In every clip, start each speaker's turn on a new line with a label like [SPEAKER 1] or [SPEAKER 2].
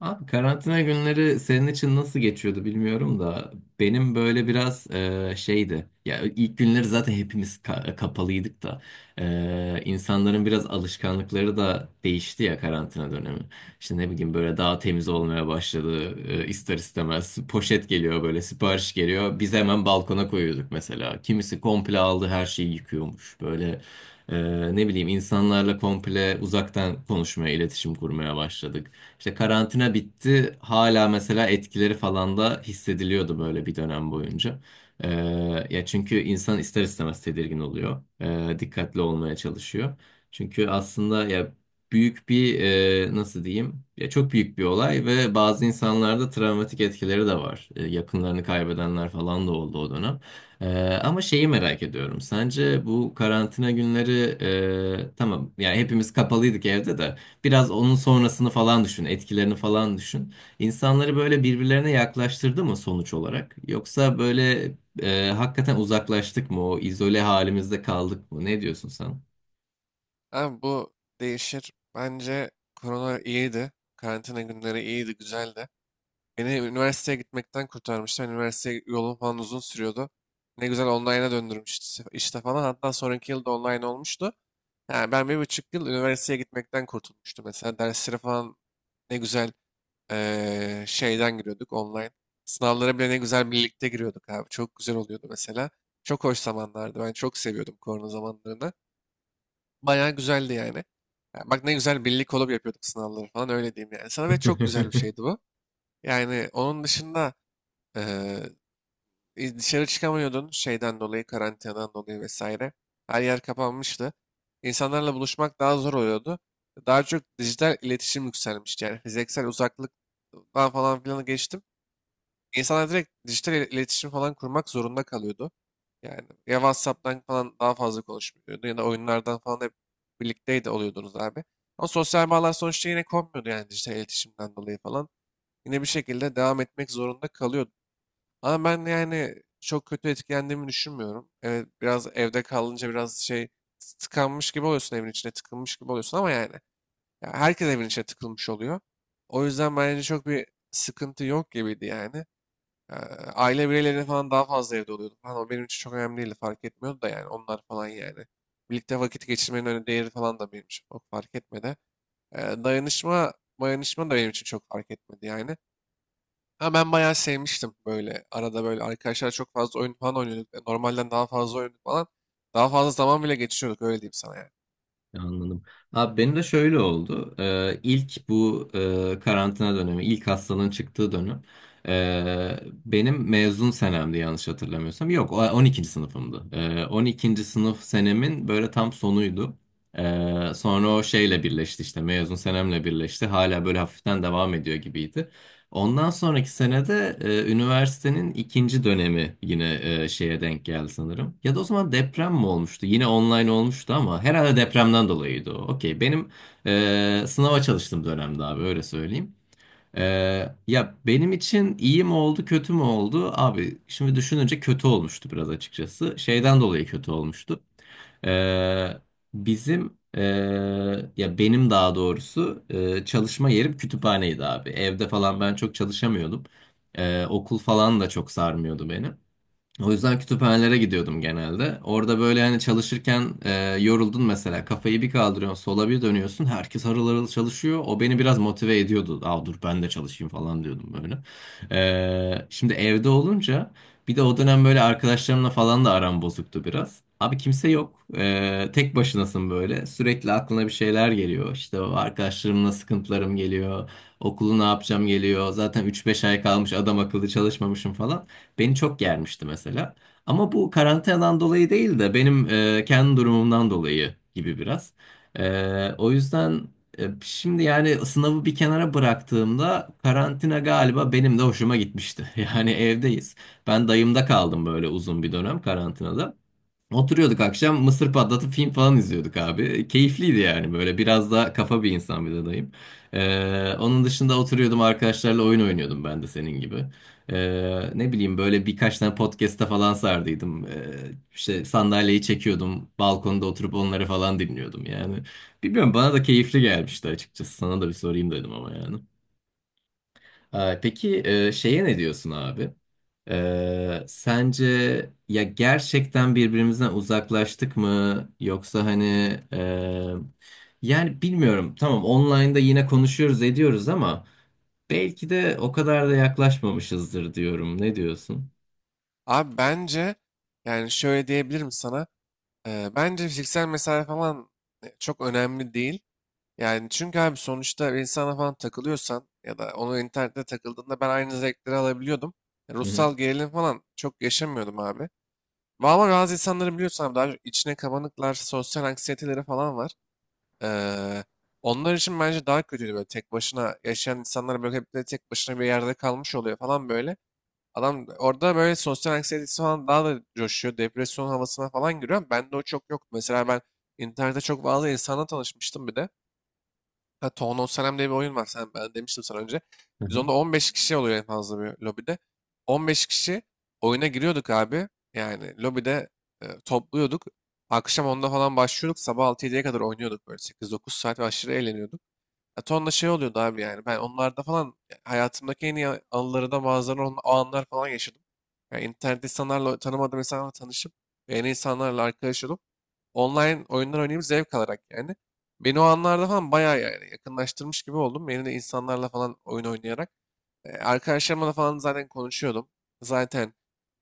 [SPEAKER 1] Abi karantina günleri senin için nasıl geçiyordu bilmiyorum da benim böyle biraz şeydi. Ya ilk günleri zaten hepimiz kapalıydık da insanların biraz alışkanlıkları da değişti ya karantina dönemi. İşte ne bileyim böyle daha temiz olmaya başladı, ister istemez. Poşet geliyor, böyle sipariş geliyor. Biz hemen balkona koyuyorduk mesela. Kimisi komple aldı, her şeyi yıkıyormuş böyle. e, Ne bileyim, insanlarla komple uzaktan konuşmaya, iletişim kurmaya başladık. İşte karantina bitti. Hala mesela etkileri falan da hissediliyordu böyle bir dönem boyunca. Ee, ya çünkü insan ister istemez tedirgin oluyor. Dikkatli olmaya çalışıyor. Çünkü aslında ya büyük bir, nasıl diyeyim? Ya çok büyük bir olay ve bazı insanlarda travmatik etkileri de var. Yakınlarını kaybedenler falan da oldu o dönem. Ee, ama şeyi merak ediyorum. Sence bu karantina günleri, tamam yani hepimiz kapalıydık evde de. Biraz onun sonrasını falan düşün, etkilerini falan düşün. İnsanları böyle birbirlerine yaklaştırdı mı sonuç olarak? Yoksa böyle hakikaten uzaklaştık mı? O izole halimizde kaldık mı? Ne diyorsun sen?
[SPEAKER 2] Abi bu değişir. Bence korona iyiydi. Karantina günleri iyiydi, güzeldi. Beni üniversiteye gitmekten kurtarmıştı. Ben üniversite yolum falan uzun sürüyordu. Ne güzel online'a döndürmüştü işte falan. Hatta sonraki yıl da online olmuştu. Yani ben bir buçuk yıl üniversiteye gitmekten kurtulmuştum. Mesela derslere falan ne güzel şeyden giriyorduk online. Sınavlara bile ne güzel birlikte giriyorduk abi. Çok güzel oluyordu mesela. Çok hoş zamanlardı. Ben çok seviyordum korona zamanlarını. Bayağı güzeldi yani. Ya bak ne güzel birlik kolab yapıyorduk sınavları falan öyle diyeyim yani. Sana ve çok güzel bir şeydi bu. Yani onun dışında eee, dışarı çıkamıyordun şeyden dolayı, karantinadan dolayı vesaire. Her yer kapanmıştı. İnsanlarla buluşmak daha zor oluyordu. Daha çok dijital iletişim yükselmişti. Yani fiziksel uzaklıktan falan filan geçtim. İnsanlar direkt iletişim falan kurmak zorunda kalıyordu. Yani ya WhatsApp'tan falan daha fazla konuşmuyordu ya da oyunlardan falan hep birlikteydi oluyordunuz abi. Ama sosyal bağlar sonuçta yine kopmuyordu yani dijital iletişimden dolayı falan. Yine bir şekilde devam etmek zorunda kalıyordu. Ama ben yani çok kötü etkilendiğimi düşünmüyorum. Evet biraz evde kalınca biraz şey tıkanmış gibi oluyorsun evin içine tıkılmış gibi oluyorsun ama yani, ya herkes evin içine tıkılmış oluyor. O yüzden bence çok bir sıkıntı yok gibiydi yani. Ee, Aile bireyleri falan daha fazla evde oluyordu falan. O benim için çok önemli değildi. Fark etmiyordu da yani onlar falan yani. Birlikte vakit geçirmenin öyle değeri falan da benim için çok fark etmedi. Ee, Dayanışma, dayanışma da benim için çok fark etmedi yani. Ama ben bayağı sevmiştim böyle. Arada böyle arkadaşlar çok fazla oyun falan oynuyorduk. E, normalden daha fazla oynuyorduk falan. Daha fazla zaman bile geçiriyorduk öyle diyeyim sana yani.
[SPEAKER 1] Anladım. Abi benim de şöyle oldu. İlk bu karantina dönemi, ilk hastanın çıktığı dönem, e, benim mezun senemdi yanlış hatırlamıyorsam. Yok, o 12. sınıfımdı. E, 12. sınıf senemin böyle tam sonuydu. Sonra o şeyle birleşti, işte mezun senemle birleşti. Hala böyle hafiften devam ediyor gibiydi. Ondan sonraki senede üniversitenin ikinci dönemi yine şeye denk geldi sanırım. Ya da o zaman deprem mi olmuştu? Yine online olmuştu ama herhalde depremden dolayıydı o. Okey. Benim sınava çalıştığım dönemde abi, öyle söyleyeyim. E, ya benim için iyi mi oldu kötü mü oldu? Abi şimdi düşününce kötü olmuştu biraz, açıkçası. Şeyden dolayı kötü olmuştu. Ee, bizim ya benim daha doğrusu, çalışma yerim kütüphaneydi abi. Evde falan ben çok çalışamıyordum. Okul falan da çok sarmıyordu beni. O yüzden kütüphanelere gidiyordum genelde. Orada böyle hani çalışırken, yoruldun mesela. Kafayı bir kaldırıyorsun, sola bir dönüyorsun. Herkes harıl harıl çalışıyor. O beni biraz motive ediyordu. Aa dur ben de çalışayım falan diyordum böyle. Şimdi evde olunca, bir de o dönem böyle arkadaşlarımla falan da aram bozuktu biraz. Abi kimse yok. Tek başınasın böyle. Sürekli aklına bir şeyler geliyor. İşte o arkadaşlarımla sıkıntılarım geliyor. Okulu ne yapacağım geliyor. Zaten üç beş ay kalmış, adam akıllı çalışmamışım falan. Beni çok germişti mesela. Ama bu karantinadan dolayı değil de benim kendi durumumdan dolayı gibi biraz. E, o yüzden şimdi yani sınavı bir kenara bıraktığımda karantina galiba benim de hoşuma gitmişti. Yani evdeyiz. Ben dayımda kaldım böyle uzun bir dönem karantinada. Oturuyorduk akşam mısır patlatıp film falan izliyorduk abi. Keyifliydi yani böyle, biraz daha kafa bir insan, bir de dayım. Onun dışında oturuyordum, arkadaşlarla oyun oynuyordum ben de senin gibi. Ne bileyim böyle birkaç tane podcastta falan sardıydım. İşte sandalyeyi çekiyordum, balkonda oturup onları falan dinliyordum yani. Bilmiyorum, bana da keyifli gelmişti açıkçası, sana da bir sorayım dedim ama yani. Peki, şeye ne diyorsun abi? Sence ya gerçekten birbirimizden uzaklaştık mı? Yoksa hani e, yani bilmiyorum. Tamam, online'da yine konuşuyoruz ediyoruz ama belki de o kadar da yaklaşmamışızdır diyorum. Ne diyorsun?
[SPEAKER 2] Abi bence yani şöyle diyebilirim sana. Bence fiziksel mesafe falan çok önemli değil. Yani çünkü abi sonuçta bir insana falan takılıyorsan ya da onu internette takıldığında ben aynı zevkleri alabiliyordum. E,
[SPEAKER 1] Hı hı.
[SPEAKER 2] ruhsal gerilim falan çok yaşamıyordum abi. Ama bazı insanları biliyorsam daha çok içine kabanıklar, sosyal anksiyeteleri falan var. Ee, Onlar için bence daha kötüydü böyle tek başına yaşayan insanlar böyle hep de tek başına bir yerde kalmış oluyor falan böyle. Adam orada böyle sosyal anksiyetesi falan daha da coşuyor. Depresyon havasına falan giriyor. Bende o çok yok. Mesela ben internette çok fazla insanla tanışmıştım bir de. Ha, Town of Salem diye bir oyun var. Sen, ben demiştim sana önce.
[SPEAKER 1] Hı
[SPEAKER 2] Biz
[SPEAKER 1] hı.
[SPEAKER 2] onda 15 kişi oluyor en fazla bir lobide. 15 kişi oyuna giriyorduk abi. Yani lobide topluyorduk. Akşam onda falan başlıyorduk. Sabah 6-7'ye kadar oynuyorduk böyle 8-9 saat ve aşırı eğleniyorduk. Ya tonla şey oluyordu abi yani. Ben onlarda falan ya, hayatımdaki anıları da o anlar falan yaşadım. Yani internette insanlarla tanımadığım insanlarla tanışıp yeni insanlarla arkadaş olup online oyunlar oynayıp zevk alarak yani. Beni o anlarda falan bayağı yani yakınlaştırmış gibi oldum. Yeni de insanlarla falan oyun oynayarak. E, arkadaşlarımla da falan zaten konuşuyordum. Zaten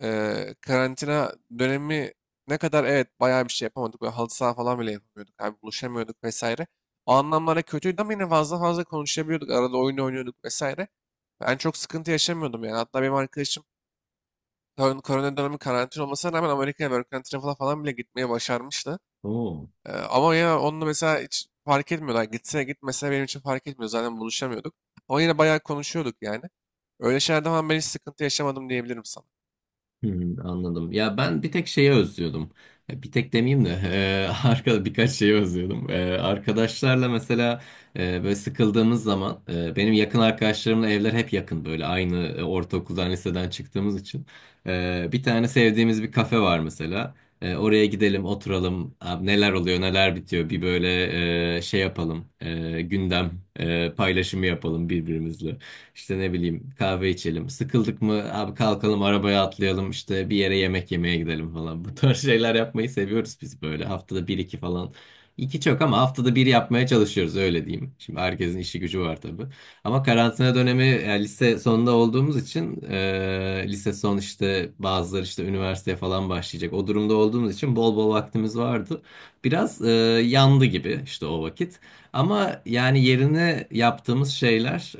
[SPEAKER 2] Karantina dönemi ne kadar evet bayağı bir şey yapamadık. Böyle halı saha falan bile yapamıyorduk. Abi buluşamıyorduk vesaire. O anlamlara kötüydü ama yine fazla fazla konuşabiliyorduk. Arada oyun oynuyorduk vesaire. Ben çok sıkıntı yaşamıyordum yani. Hatta benim arkadaşım korona dönemi karantina olmasına rağmen Amerika'ya work and travel'a falan bile gitmeye başarmıştı.
[SPEAKER 1] Oo.
[SPEAKER 2] Ama ya onunla mesela hiç fark etmiyorlar. Gitse gitmese benim için fark etmiyor. Zaten buluşamıyorduk. Ama yine bayağı konuşuyorduk yani. Öyle şeylerden falan ben hiç sıkıntı yaşamadım diyebilirim sana.
[SPEAKER 1] Hmm, anladım. Ya ben bir tek şeyi özlüyordum. Ya bir tek demeyeyim de arkada birkaç şeyi özlüyordum. Arkadaşlarla mesela, böyle sıkıldığımız zaman, benim yakın arkadaşlarımla evler hep yakın böyle, aynı ortaokuldan liseden çıktığımız için. Bir tane sevdiğimiz bir kafe var mesela. Oraya gidelim oturalım. Abi neler oluyor neler bitiyor, bir böyle şey yapalım. Gündem, paylaşımı yapalım birbirimizle. İşte ne bileyim, kahve içelim. Sıkıldık mı abi, kalkalım arabaya atlayalım işte bir yere yemek yemeye gidelim falan. Bu tarz şeyler yapmayı seviyoruz biz böyle. Haftada bir iki falan. İki çok ama haftada bir yapmaya çalışıyoruz, öyle diyeyim. Şimdi herkesin işi gücü var tabii. Ama karantina dönemi yani lise sonunda olduğumuz için, lise son işte, bazıları işte üniversiteye falan başlayacak. O durumda olduğumuz için bol bol vaktimiz vardı. Biraz yandı gibi işte o vakit. Ama yani yerine yaptığımız şeyler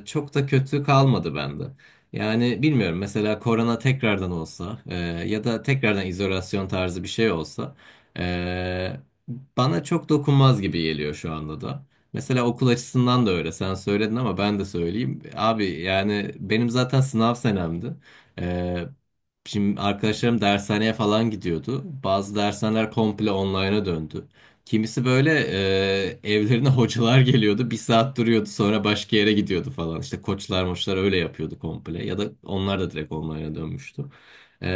[SPEAKER 1] çok da kötü kalmadı bende. Yani bilmiyorum, mesela korona tekrardan olsa, ya da tekrardan izolasyon tarzı bir şey olsa, e, bana çok dokunmaz gibi geliyor şu anda da. Mesela okul açısından da öyle. Sen söyledin ama ben de söyleyeyim. Abi yani benim zaten sınav senemdi. E, Şimdi arkadaşlarım dershaneye falan gidiyordu. Bazı dershaneler komple online'a döndü. Kimisi böyle evlerine hocalar geliyordu. Bir saat duruyordu, sonra başka yere gidiyordu falan. İşte koçlar moçlar öyle yapıyordu komple. Ya da onlar da direkt online'a dönmüştü. E,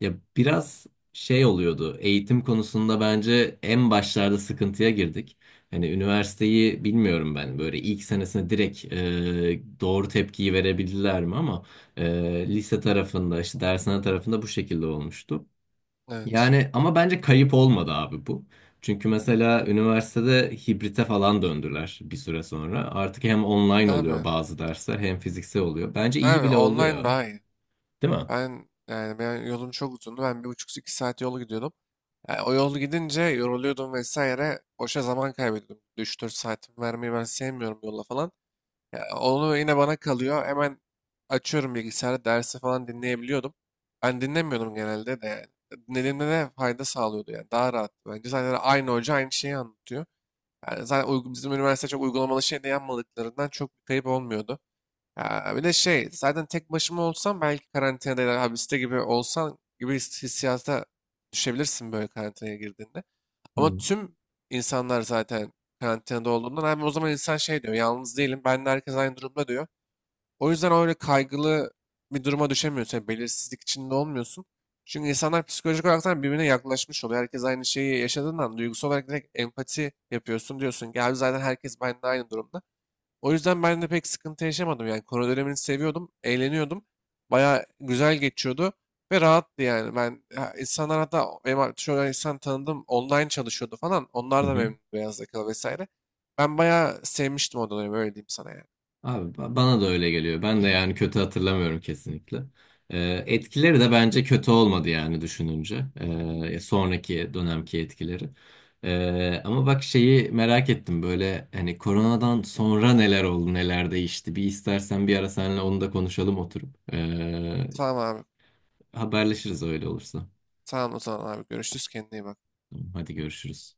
[SPEAKER 1] ya biraz şey oluyordu. Eğitim konusunda bence en başlarda sıkıntıya girdik. Hani üniversiteyi bilmiyorum, ben böyle ilk senesine direkt doğru tepkiyi verebildiler mi, ama e, lise tarafında işte dershane tarafında bu şekilde olmuştu.
[SPEAKER 2] Evet.
[SPEAKER 1] Yani ama bence kayıp olmadı abi bu. Çünkü mesela üniversitede hibrite falan döndüler bir süre sonra. Artık hem online
[SPEAKER 2] Abi.
[SPEAKER 1] oluyor bazı dersler hem fiziksel oluyor. Bence iyi
[SPEAKER 2] Abi
[SPEAKER 1] bile
[SPEAKER 2] online
[SPEAKER 1] oluyor.
[SPEAKER 2] daha iyi.
[SPEAKER 1] Değil mi?
[SPEAKER 2] Ben yolum çok uzundu. Ben bir buçuk iki saat yolu gidiyordum. Yani o yol gidince yoruluyordum vesaire. Boşa zaman kaybediyordum. 3-4 saatimi vermeyi ben sevmiyorum yola falan. Yani onu yine bana kalıyor. Hemen açıyorum bilgisayarı dersi falan dinleyebiliyordum. Ben dinlemiyordum genelde de yani. Dinlediğimde de fayda sağlıyordu yani. Daha rahat. Bence zaten aynı hoca aynı şeyi anlatıyor. Yani bizim üniversite çok uygulamalı şey de yapmadıklarından çok bir kayıp olmuyordu. Ya bir de şey zaten tek başıma olsam belki karantinada ya da hapiste gibi olsan gibi hissiyata düşebilirsin böyle karantinaya girdiğinde.
[SPEAKER 1] Hı
[SPEAKER 2] Ama tüm insanlar zaten karantinada olduğundan abi o zaman insan şey diyor yalnız değilim ben de herkes aynı durumda diyor. O yüzden öyle kaygılı bir duruma düşemiyorsun. Yani belirsizlik içinde olmuyorsun. Çünkü insanlar psikolojik olarak da birbirine yaklaşmış oluyor. Herkes aynı şeyi yaşadığından duygusal olarak direkt empati yapıyorsun diyorsun. Gel zaten herkes benimle aynı durumda. O yüzden ben de pek sıkıntı yaşamadım. Yani korona dönemini seviyordum, eğleniyordum. Bayağı güzel geçiyordu ve rahattı yani. Ben ha, insanlar hatta benim ar- insan tanıdım online çalışıyordu falan. Onlar da
[SPEAKER 1] hı.
[SPEAKER 2] memnun beyaz yakalı vesaire. Ben bayağı sevmiştim o dönemi öyle diyeyim sana yani.
[SPEAKER 1] Abi bana da öyle geliyor. Ben de yani kötü hatırlamıyorum kesinlikle. Etkileri de bence kötü olmadı yani düşününce. Sonraki dönemki etkileri. Ama bak şeyi merak ettim böyle, hani koronadan sonra neler oldu neler değişti. Bir istersen bir ara seninle onu da konuşalım oturup.
[SPEAKER 2] Tamam abi.
[SPEAKER 1] Haberleşiriz öyle olursa.
[SPEAKER 2] Tamam o zaman abi görüşürüz kendine iyi bak.
[SPEAKER 1] Tamam, hadi görüşürüz.